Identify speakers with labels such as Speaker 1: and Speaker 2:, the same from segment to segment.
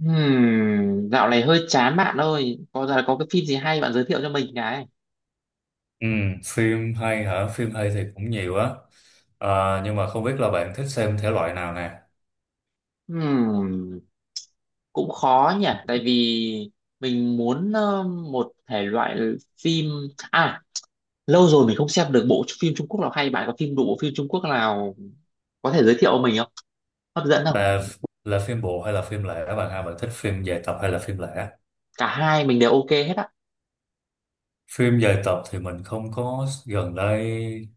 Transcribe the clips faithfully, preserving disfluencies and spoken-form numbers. Speaker 1: Hmm, dạo này hơi chán bạn ơi. Có giờ có cái phim gì hay bạn giới thiệu cho mình cái.
Speaker 2: Ừ, phim hay hả? Phim hay thì cũng nhiều á. Ờ, nhưng mà không biết là bạn thích xem thể loại nào nè?
Speaker 1: Hmm, cũng khó nhỉ, tại vì mình muốn ờ, một thể loại phim, à, lâu rồi mình không xem được bộ phim Trung Quốc nào hay. Bạn có phim đủ bộ phim Trung Quốc nào có thể giới thiệu mình không? Hấp dẫn không?
Speaker 2: Là là phim bộ hay là phim lẻ bạn ha? Bạn thích phim dài tập hay là phim lẻ?
Speaker 1: Cả hai mình đều ok hết á.
Speaker 2: Phim dài tập thì mình không có gần đây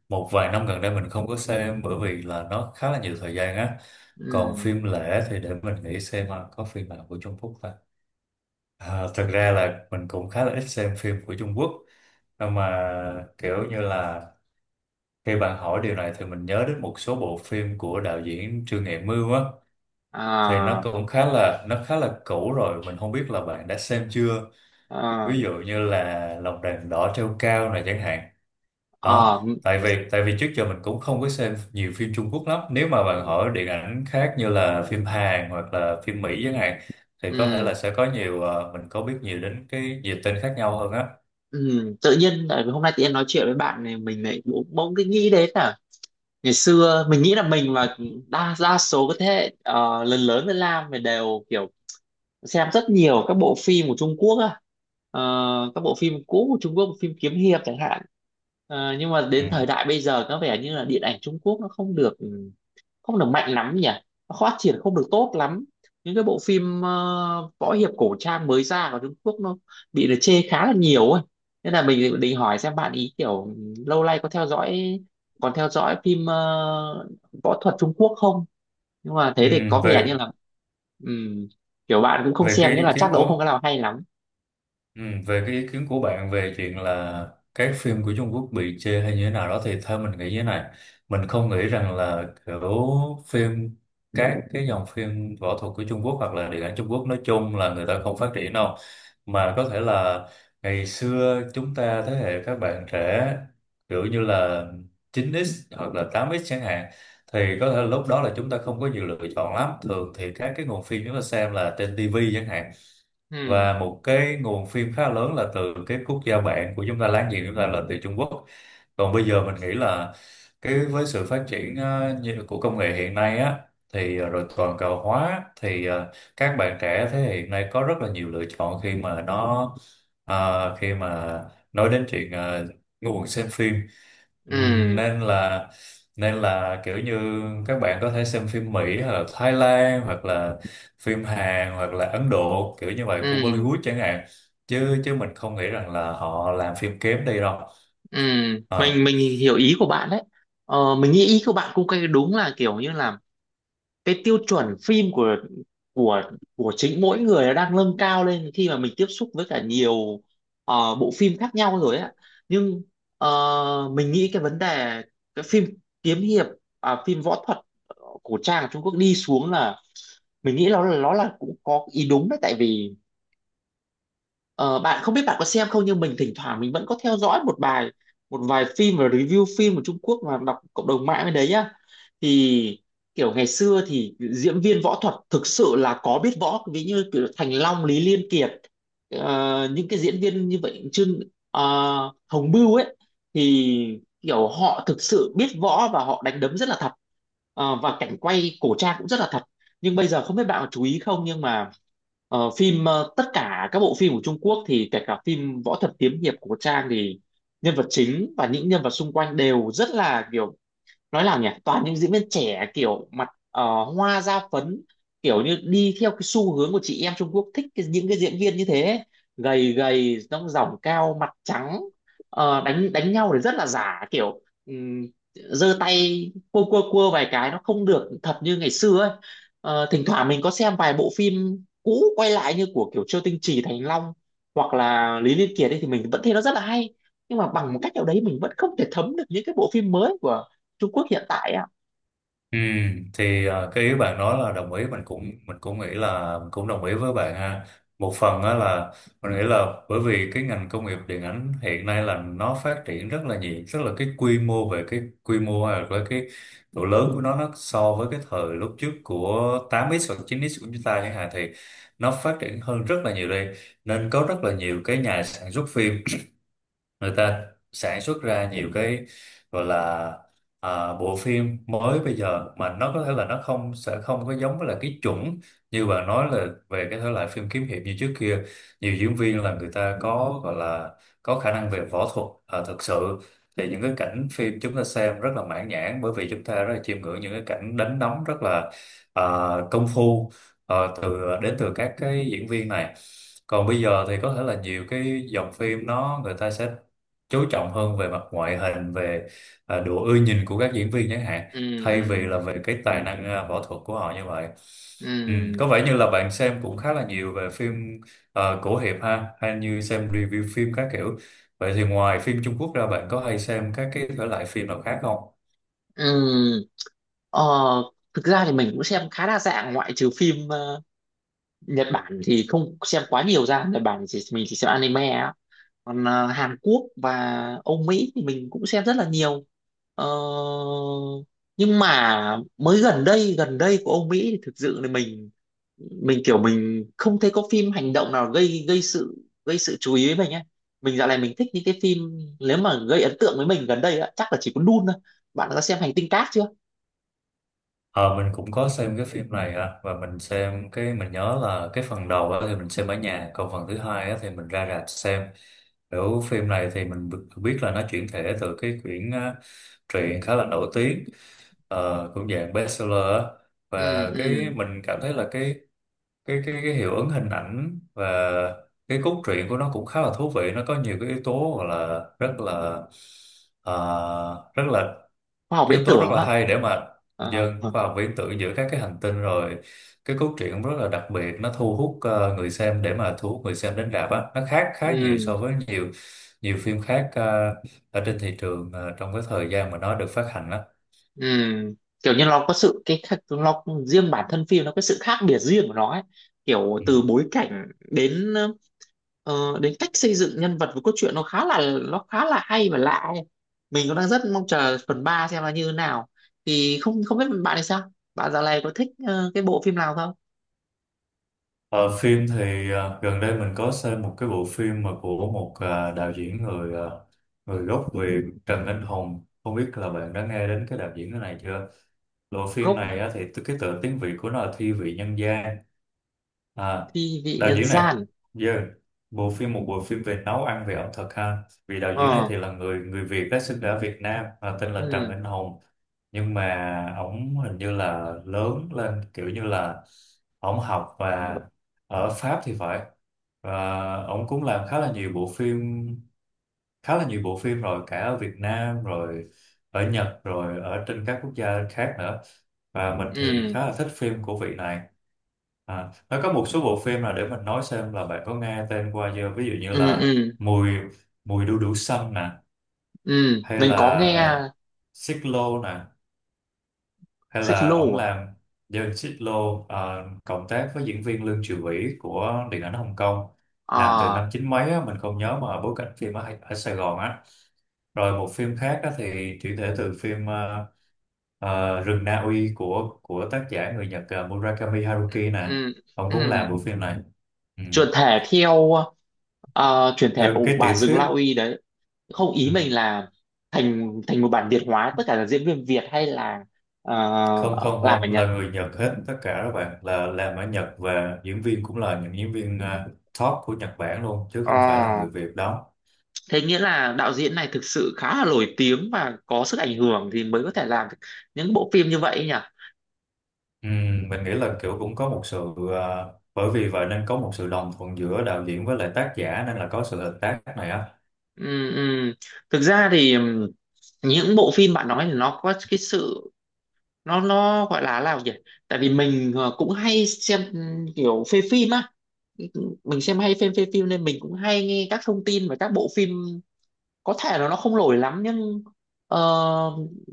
Speaker 2: một vài năm gần đây mình không có xem bởi vì là nó khá là nhiều thời gian á. Còn
Speaker 1: Hmm.
Speaker 2: phim lẻ thì để mình nghĩ xem là có phim nào của Trung Quốc ta. À, thật ra là mình cũng khá là ít xem phim của Trung Quốc. Nhưng mà kiểu như là khi bạn hỏi điều này thì mình nhớ đến một số bộ phim của đạo diễn Trương Nghệ Mưu á, thì nó
Speaker 1: À,
Speaker 2: cũng khá là nó khá là cũ rồi, mình không biết là bạn đã xem chưa,
Speaker 1: à,
Speaker 2: ví dụ như là Lòng đèn đỏ treo cao này chẳng hạn đó.
Speaker 1: à,
Speaker 2: Tại vì tại vì trước giờ mình cũng không có xem nhiều phim Trung Quốc lắm, nếu mà bạn hỏi điện ảnh khác như là phim Hàn hoặc là phim Mỹ chẳng hạn thì có thể
Speaker 1: ừ,
Speaker 2: là sẽ có nhiều, ờ, mình có biết nhiều đến cái nhiều tên khác nhau hơn á.
Speaker 1: ừ. Tự nhiên tại vì hôm nay tự nhiên nói chuyện với bạn này mình lại bỗng bỗng cái nghĩ đến là ngày xưa mình nghĩ là mình và đa đa số cái thế hệ ờ, lớn lớn với Lam thì đều kiểu xem rất nhiều các bộ phim của Trung Quốc á. Ờ, các bộ phim cũ của Trung Quốc phim kiếm hiệp chẳng hạn. Ờ, nhưng mà
Speaker 2: Ừ.
Speaker 1: đến thời đại bây giờ có vẻ như là điện ảnh Trung Quốc nó không được, ừ, không được mạnh lắm nhỉ, nó phát triển không được tốt lắm, những cái bộ phim ờ, võ hiệp cổ trang mới ra của Trung Quốc nó bị là chê khá là nhiều ấy, nên là mình định hỏi xem bạn ý kiểu lâu nay có theo dõi, còn theo dõi phim ờ, võ thuật Trung Quốc không. Nhưng mà
Speaker 2: Ừ,
Speaker 1: thế thì có vẻ như
Speaker 2: về
Speaker 1: là ừm, kiểu bạn cũng không
Speaker 2: về cái
Speaker 1: xem nghĩa
Speaker 2: ý
Speaker 1: là
Speaker 2: kiến
Speaker 1: chắc là cũng không có
Speaker 2: của,
Speaker 1: nào hay lắm.
Speaker 2: Ừ, về cái ý kiến của bạn về chuyện là các phim của Trung Quốc bị chê hay như thế nào đó thì theo mình nghĩ như thế này. Mình không nghĩ rằng là kiểu phim, các cái dòng phim võ thuật của Trung Quốc hoặc là điện ảnh Trung Quốc nói chung là người ta không phát triển đâu, mà có thể là ngày xưa chúng ta thế hệ các bạn trẻ kiểu như là chín x hoặc là tám x chẳng hạn thì có thể lúc đó là chúng ta không có nhiều lựa chọn lắm. Thường thì các cái nguồn phim chúng ta xem là trên ti vi chẳng hạn,
Speaker 1: Ừ,
Speaker 2: và một cái nguồn phim khá lớn là từ cái quốc gia bạn của chúng ta, láng giềng chúng ta là từ Trung Quốc. Còn bây giờ mình nghĩ là cái với sự phát triển ờ, như của công nghệ hiện nay á, thì ờ, rồi toàn cầu hóa thì ờ, các bạn trẻ thế hệ hiện nay có rất là nhiều lựa chọn khi mà nó, ờ, khi mà nói đến chuyện ờ, nguồn xem phim. Ừm,
Speaker 1: ừ,
Speaker 2: nên là nên là kiểu như các bạn có thể xem phim Mỹ hoặc là Thái Lan hoặc là phim Hàn hoặc là Ấn Độ kiểu như vậy của
Speaker 1: ừ,
Speaker 2: Bollywood chẳng hạn, chứ chứ mình không nghĩ rằng là họ làm phim kém đi đâu.
Speaker 1: ừ. mình
Speaker 2: Ờ.
Speaker 1: mình hiểu ý của bạn đấy. Ờ, mình nghĩ ý của bạn cũng cái đúng là kiểu như là cái tiêu chuẩn phim của của của chính mỗi người nó đang nâng cao lên khi mà mình tiếp xúc với cả nhiều ờ, bộ phim khác nhau rồi á. Nhưng ờ, mình nghĩ cái vấn đề cái phim kiếm hiệp, à, phim võ thuật cổ trang ở Trung Quốc đi xuống là mình nghĩ nó là nó là cũng có ý đúng đấy, tại vì ờ, bạn không biết bạn có xem không nhưng mình thỉnh thoảng mình vẫn có theo dõi một bài, một vài phim và review phim của Trung Quốc và đọc cộng đồng mạng bên đấy nhá. Thì kiểu ngày xưa thì diễn viên võ thuật thực sự là có biết võ, ví như kiểu Thành Long, Lý Liên Kiệt, ờ, những cái diễn viên như vậy, Trương ờ, Hồng Bưu ấy, thì kiểu họ thực sự biết võ và họ đánh đấm rất là thật. Ờ, và cảnh quay cổ trang cũng rất là thật. Nhưng bây giờ không biết bạn có chú ý không nhưng mà ờ, phim, ờ, tất cả các bộ phim của Trung Quốc thì kể cả phim võ thuật kiếm hiệp của Trang thì nhân vật chính và những nhân vật xung quanh đều rất là kiểu, nói nào nhỉ, toàn những diễn viên trẻ kiểu mặt ờ, hoa da phấn, kiểu như đi theo cái xu hướng của chị em Trung Quốc thích cái, những cái diễn viên như thế ấy. Gầy gầy dong dỏng cao mặt trắng, ờ, đánh đánh nhau thì rất là giả kiểu um, giơ tay cua cua cua vài cái nó không được thật như ngày xưa ấy. Ờ, thỉnh thoảng mình có xem vài bộ phim cũ quay lại như của kiểu Châu Tinh Trì, Thành Long hoặc là Lý Liên Kiệt ấy, thì mình vẫn thấy nó rất là hay. Nhưng mà bằng một cách nào đấy mình vẫn không thể thấm được những cái bộ phim mới của Trung Quốc hiện tại ạ.
Speaker 2: Ừ, thì à, cái ý bạn nói là đồng ý, mình cũng mình cũng nghĩ là mình cũng đồng ý với bạn ha, một phần á là mình nghĩ là bởi vì cái ngành công nghiệp điện ảnh hiện nay là nó phát triển rất là nhiều, rất là, cái quy mô về cái quy mô hay là với cái độ lớn của nó nó so với cái thời lúc trước của tám x hoặc chín x của chúng ta chẳng hạn thì nó phát triển hơn rất là nhiều đây. Nên có rất là nhiều cái nhà sản xuất phim, người ta sản xuất ra nhiều cái gọi là, à, bộ phim mới bây giờ mà nó có thể là nó không, sẽ không có giống với là cái chuẩn như bạn nói là về cái thể loại phim kiếm hiệp như trước kia. Nhiều diễn viên là người ta có gọi là có khả năng về võ thuật à, thực sự, thì những cái cảnh phim chúng ta xem rất là mãn nhãn bởi vì chúng ta rất là chiêm ngưỡng những cái cảnh đánh đấm rất là, à, công phu, à, từ đến từ các cái diễn viên này. Còn bây giờ thì có thể là nhiều cái dòng phim nó, người ta sẽ chú trọng hơn về mặt ngoại hình, về à, độ ưa nhìn của các diễn viên chẳng hạn,
Speaker 1: Ừ, ừ,
Speaker 2: thay vì là về cái tài năng à, võ thuật của họ như vậy. Ừ,
Speaker 1: ừ,
Speaker 2: có vẻ như là bạn xem cũng khá là nhiều về phim ờ, cổ hiệp ha, hay như xem review phim các kiểu. Vậy thì ngoài phim Trung Quốc ra bạn có hay xem các cái thể loại phim nào khác không?
Speaker 1: ừ. Ờ, thực ra thì mình cũng xem khá đa dạng, ngoại trừ phim ờ, Nhật Bản thì không xem quá nhiều ra, Nhật Bản thì mình chỉ xem anime á, còn ờ, Hàn Quốc và Âu Mỹ thì mình cũng xem rất là nhiều. Ờ, nhưng mà mới gần đây gần đây của Âu Mỹ thì thực sự là mình, mình kiểu mình không thấy có phim hành động nào gây gây sự, gây sự chú ý với mình ấy. Mình dạo này mình thích những cái phim, nếu mà gây ấn tượng với mình gần đây á, chắc là chỉ có Dune thôi. Bạn đã xem Hành tinh cát chưa?
Speaker 2: Ờ, mình cũng có xem cái phim này, à, và mình xem cái, mình nhớ là cái phần đầu á thì mình xem ở nhà, còn phần thứ hai á thì mình ra rạp xem. Kiểu phim này thì mình bi- biết là nó chuyển thể từ cái quyển truyện khá là nổi tiếng, ờ, cũng dạng bestseller á.
Speaker 1: Ừ,
Speaker 2: Và cái
Speaker 1: ừ.
Speaker 2: mình cảm thấy là cái, cái cái cái hiệu ứng hình ảnh và cái cốt truyện của nó cũng khá là thú vị, nó có nhiều cái yếu tố gọi là rất là, ờ, rất là
Speaker 1: Khoa học viễn
Speaker 2: yếu tố rất
Speaker 1: tưởng
Speaker 2: là
Speaker 1: á.
Speaker 2: hay để mà
Speaker 1: Ờ,
Speaker 2: dân
Speaker 1: vâng.
Speaker 2: khoa học viễn tưởng giữa các cái hành tinh rồi. Cái cốt truyện cũng rất là đặc biệt, nó thu hút ờ, người xem, để mà thu hút người xem đến rạp á, nó khác khá nhiều
Speaker 1: Ừ.
Speaker 2: so với nhiều, nhiều phim khác ờ, ở trên thị trường ờ, trong cái thời gian mà nó được phát hành á.
Speaker 1: Ừ. Kiểu như nó có sự cái khác, nó riêng bản thân phim nó có sự khác biệt riêng của nó ấy. Kiểu
Speaker 2: Ừ.
Speaker 1: từ bối cảnh đến ờ, đến cách xây dựng nhân vật với cốt truyện nó khá là nó khá là hay và lạ ấy. Mình cũng đang rất mong chờ phần ba xem là như thế nào, thì không, không biết bạn thì sao, bạn dạo này có thích ờ, cái bộ phim nào không?
Speaker 2: Ờ, phim thì ờ, gần đây mình có xem một cái bộ phim mà của một ờ, đạo diễn người ờ, người gốc Việt Trần Anh Hùng, không biết là bạn đã nghe đến cái đạo diễn cái này chưa. Bộ phim
Speaker 1: Gốc.
Speaker 2: này á, thì cái tựa tiếng Việt của nó là Thi vị nhân gian. À,
Speaker 1: Thi vị
Speaker 2: đạo
Speaker 1: nhân
Speaker 2: diễn này,
Speaker 1: gian.
Speaker 2: yeah. Bộ phim, một bộ phim về nấu ăn, về ẩm thực ha. Vì đạo diễn này
Speaker 1: Ờ.
Speaker 2: thì là người người Việt đã sinh ra ở Việt Nam và tên là Trần
Speaker 1: Ừ,
Speaker 2: Anh Hùng. Nhưng mà ổng hình như là lớn lên kiểu như là ổng học và ở Pháp thì phải. Và ổng cũng làm khá là nhiều bộ phim, khá là nhiều bộ phim rồi, cả ở Việt Nam rồi ở Nhật rồi ở trên các quốc gia khác nữa, và mình thì
Speaker 1: ừ,
Speaker 2: khá là thích phim của vị này. À, nó có một số bộ phim là để mình nói xem là bạn có nghe tên qua chưa, ví dụ như
Speaker 1: ừ,
Speaker 2: là
Speaker 1: ừ,
Speaker 2: mùi mùi đu đủ xanh nè,
Speaker 1: ừ.
Speaker 2: hay
Speaker 1: Mình có nghe.
Speaker 2: là Xích Lô nè, hay
Speaker 1: Xích
Speaker 2: là ổng
Speaker 1: lô à.
Speaker 2: làm David Xích Lô ờ, cộng tác với diễn viên Lương Triều Vĩ của điện ảnh Hồng Kông, làm từ
Speaker 1: Ờ,
Speaker 2: năm chín mấy á, mình không nhớ, mà bối cảnh phim ở, Hà- ở Sài Gòn á. Rồi một phim khác á, thì chuyển thể từ phim ờ, ờ, Rừng Na Uy của của tác giả người Nhật, ờ, Murakami Haruki nè,
Speaker 1: ừ,
Speaker 2: ông cũng
Speaker 1: ừ.
Speaker 2: làm bộ phim này. Ừ.
Speaker 1: Chuyển thể theo, ờ, chuyển thể
Speaker 2: Theo
Speaker 1: bộ
Speaker 2: cái
Speaker 1: bản
Speaker 2: tiểu
Speaker 1: Rừng
Speaker 2: thuyết.
Speaker 1: La Uy đấy. Không,
Speaker 2: Ừ.
Speaker 1: ý mình là thành, thành một bản Việt hóa, tất cả là diễn viên Việt hay là, ờ,
Speaker 2: Không, không,
Speaker 1: làm ở
Speaker 2: không,
Speaker 1: Nhật.
Speaker 2: là người Nhật hết, tất cả các bạn là làm ở Nhật và diễn viên cũng là những diễn viên à, top của Nhật Bản luôn chứ
Speaker 1: Ờ,
Speaker 2: không phải là người Việt đó.
Speaker 1: thế nghĩa là đạo diễn này thực sự khá là nổi tiếng và có sức ảnh hưởng thì mới có thể làm được những bộ phim như vậy ấy nhỉ.
Speaker 2: Ừm, mình nghĩ là kiểu cũng có một sự, à, bởi vì vậy nên có một sự đồng thuận giữa đạo diễn với lại tác giả nên là có sự hợp tác này á.
Speaker 1: Ừ, ừ. Thực ra thì ừm, những bộ phim bạn nói thì nó có cái sự, nó nó gọi là là gì, tại vì mình ờ, cũng hay xem, ừ, kiểu phê phim á. Mình xem hay phim phê phim nên mình cũng hay nghe các thông tin về các bộ phim, có thể là nó không nổi lắm nhưng ờ,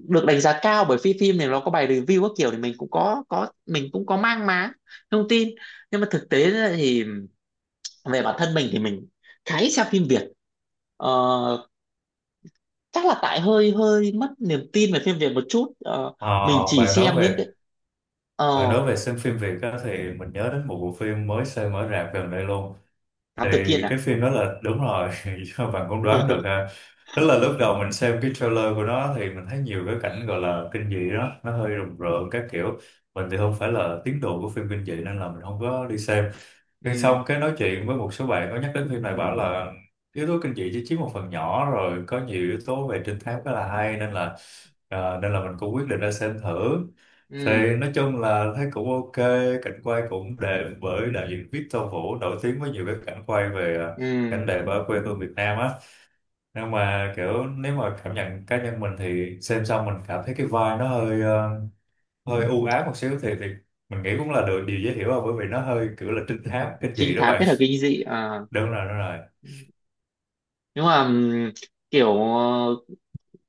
Speaker 1: được đánh giá cao bởi phim phim này nó có bài review các kiểu thì mình cũng có, có mình cũng có mang má thông tin. Nhưng mà thực tế ra thì về bản thân mình thì mình khá ít xem phim Việt. Ờ, chắc là tại hơi hơi mất niềm tin về phim Việt một chút. Ờ,
Speaker 2: Ờ,
Speaker 1: mình chỉ
Speaker 2: bạn nói
Speaker 1: xem những
Speaker 2: về
Speaker 1: cái,
Speaker 2: bạn
Speaker 1: ờ,
Speaker 2: nói về xem phim Việt á, thì mình nhớ đến một bộ phim mới xem ở rạp gần đây luôn,
Speaker 1: thám
Speaker 2: thì
Speaker 1: tử Kiên
Speaker 2: cái
Speaker 1: à.
Speaker 2: phim đó là đúng rồi. Bạn cũng đoán được ha. Tức là lúc đầu mình xem cái trailer của nó thì mình thấy nhiều cái cảnh gọi là kinh dị đó, nó hơi rùng rợn các kiểu. Mình thì không phải là tín đồ của phim kinh dị nên là mình không có đi xem. Nhưng
Speaker 1: Ừ,
Speaker 2: xong cái nói chuyện với một số bạn có nhắc đến phim này bảo là yếu tố kinh dị chỉ chiếm một phần nhỏ, rồi có nhiều yếu tố về trinh thám khá là hay nên là, à, nên là mình cũng quyết định ra xem thử.
Speaker 1: ừ,
Speaker 2: Thì nói chung là thấy cũng ok, cảnh quay cũng đẹp bởi đạo diễn Victor Vũ nổi tiếng với nhiều cái cảnh quay về à, cảnh
Speaker 1: ừ.
Speaker 2: đẹp ở quê hương Việt Nam á. Nhưng mà kiểu nếu mà cảm nhận cá nhân mình thì xem xong mình cảm thấy cái vai nó hơi, ờ, hơi u ám một xíu, thì, thì mình nghĩ cũng là được, điều dễ hiểu rồi bởi vì nó hơi kiểu là trinh thám kinh
Speaker 1: Trinh
Speaker 2: dị đó
Speaker 1: thám kết
Speaker 2: bạn.
Speaker 1: hợp kinh dị à.
Speaker 2: Đúng rồi, đúng rồi.
Speaker 1: Nhưng mà ừm, kiểu ờ,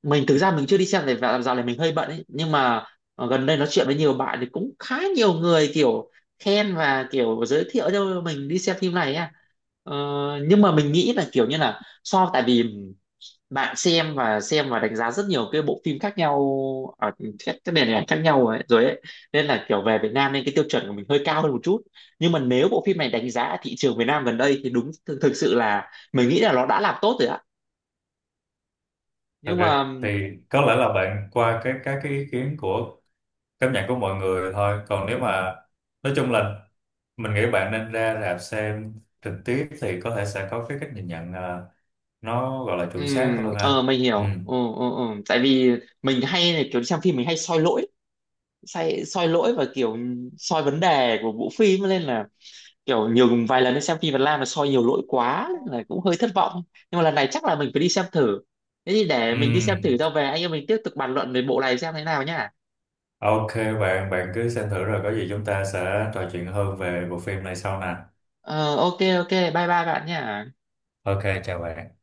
Speaker 1: mình thực ra mình chưa đi xem này và dạo này mình hơi bận ấy, nhưng mà ờ, gần đây nói chuyện với nhiều bạn thì cũng khá nhiều người kiểu khen và kiểu giới thiệu cho mình đi xem phim này á. Ờ, nhưng mà mình nghĩ là kiểu như là so, tại vì bạn xem và xem và đánh giá rất nhiều cái bộ phim khác nhau ở các các nền ảnh khác nhau ấy, rồi ấy, nên là kiểu về Việt Nam nên cái tiêu chuẩn của mình hơi cao hơn một chút. Nhưng mà nếu bộ phim này đánh giá thị trường Việt Nam gần đây thì đúng thực, thực sự là mình nghĩ là nó đã làm tốt rồi ạ.
Speaker 2: Thật
Speaker 1: Nhưng
Speaker 2: ra
Speaker 1: mà
Speaker 2: thì có lẽ là bạn qua cái các cái ý kiến của, cảm nhận của mọi người thôi, còn nếu mà nói chung là mình nghĩ bạn nên ra rạp xem trực tiếp thì có thể sẽ có cái cách nhìn nhận ờ, nó gọi là chuẩn xác
Speaker 1: ừm,
Speaker 2: hơn ha.
Speaker 1: ờ, mình
Speaker 2: Ừ.
Speaker 1: hiểu. Ừ, ừ, ừ. Tại vì mình hay là kiểu đi xem phim mình hay soi lỗi, soi, soi lỗi và kiểu soi vấn đề của bộ phim nên là kiểu nhiều vài lần đi xem phim Việt Nam là soi nhiều lỗi quá nên là cũng hơi thất vọng. Nhưng mà lần này chắc là mình phải đi xem thử. Thế thì để
Speaker 2: ừ
Speaker 1: mình đi xem thử sau về anh em mình tiếp tục bàn luận về bộ này xem thế nào nhá.
Speaker 2: Ok bạn, bạn cứ xem thử rồi có gì chúng ta sẽ trò chuyện hơn về bộ phim này sau nè.
Speaker 1: Ờ, ok ok, bye bye bạn nhá.
Speaker 2: Ok, chào bạn.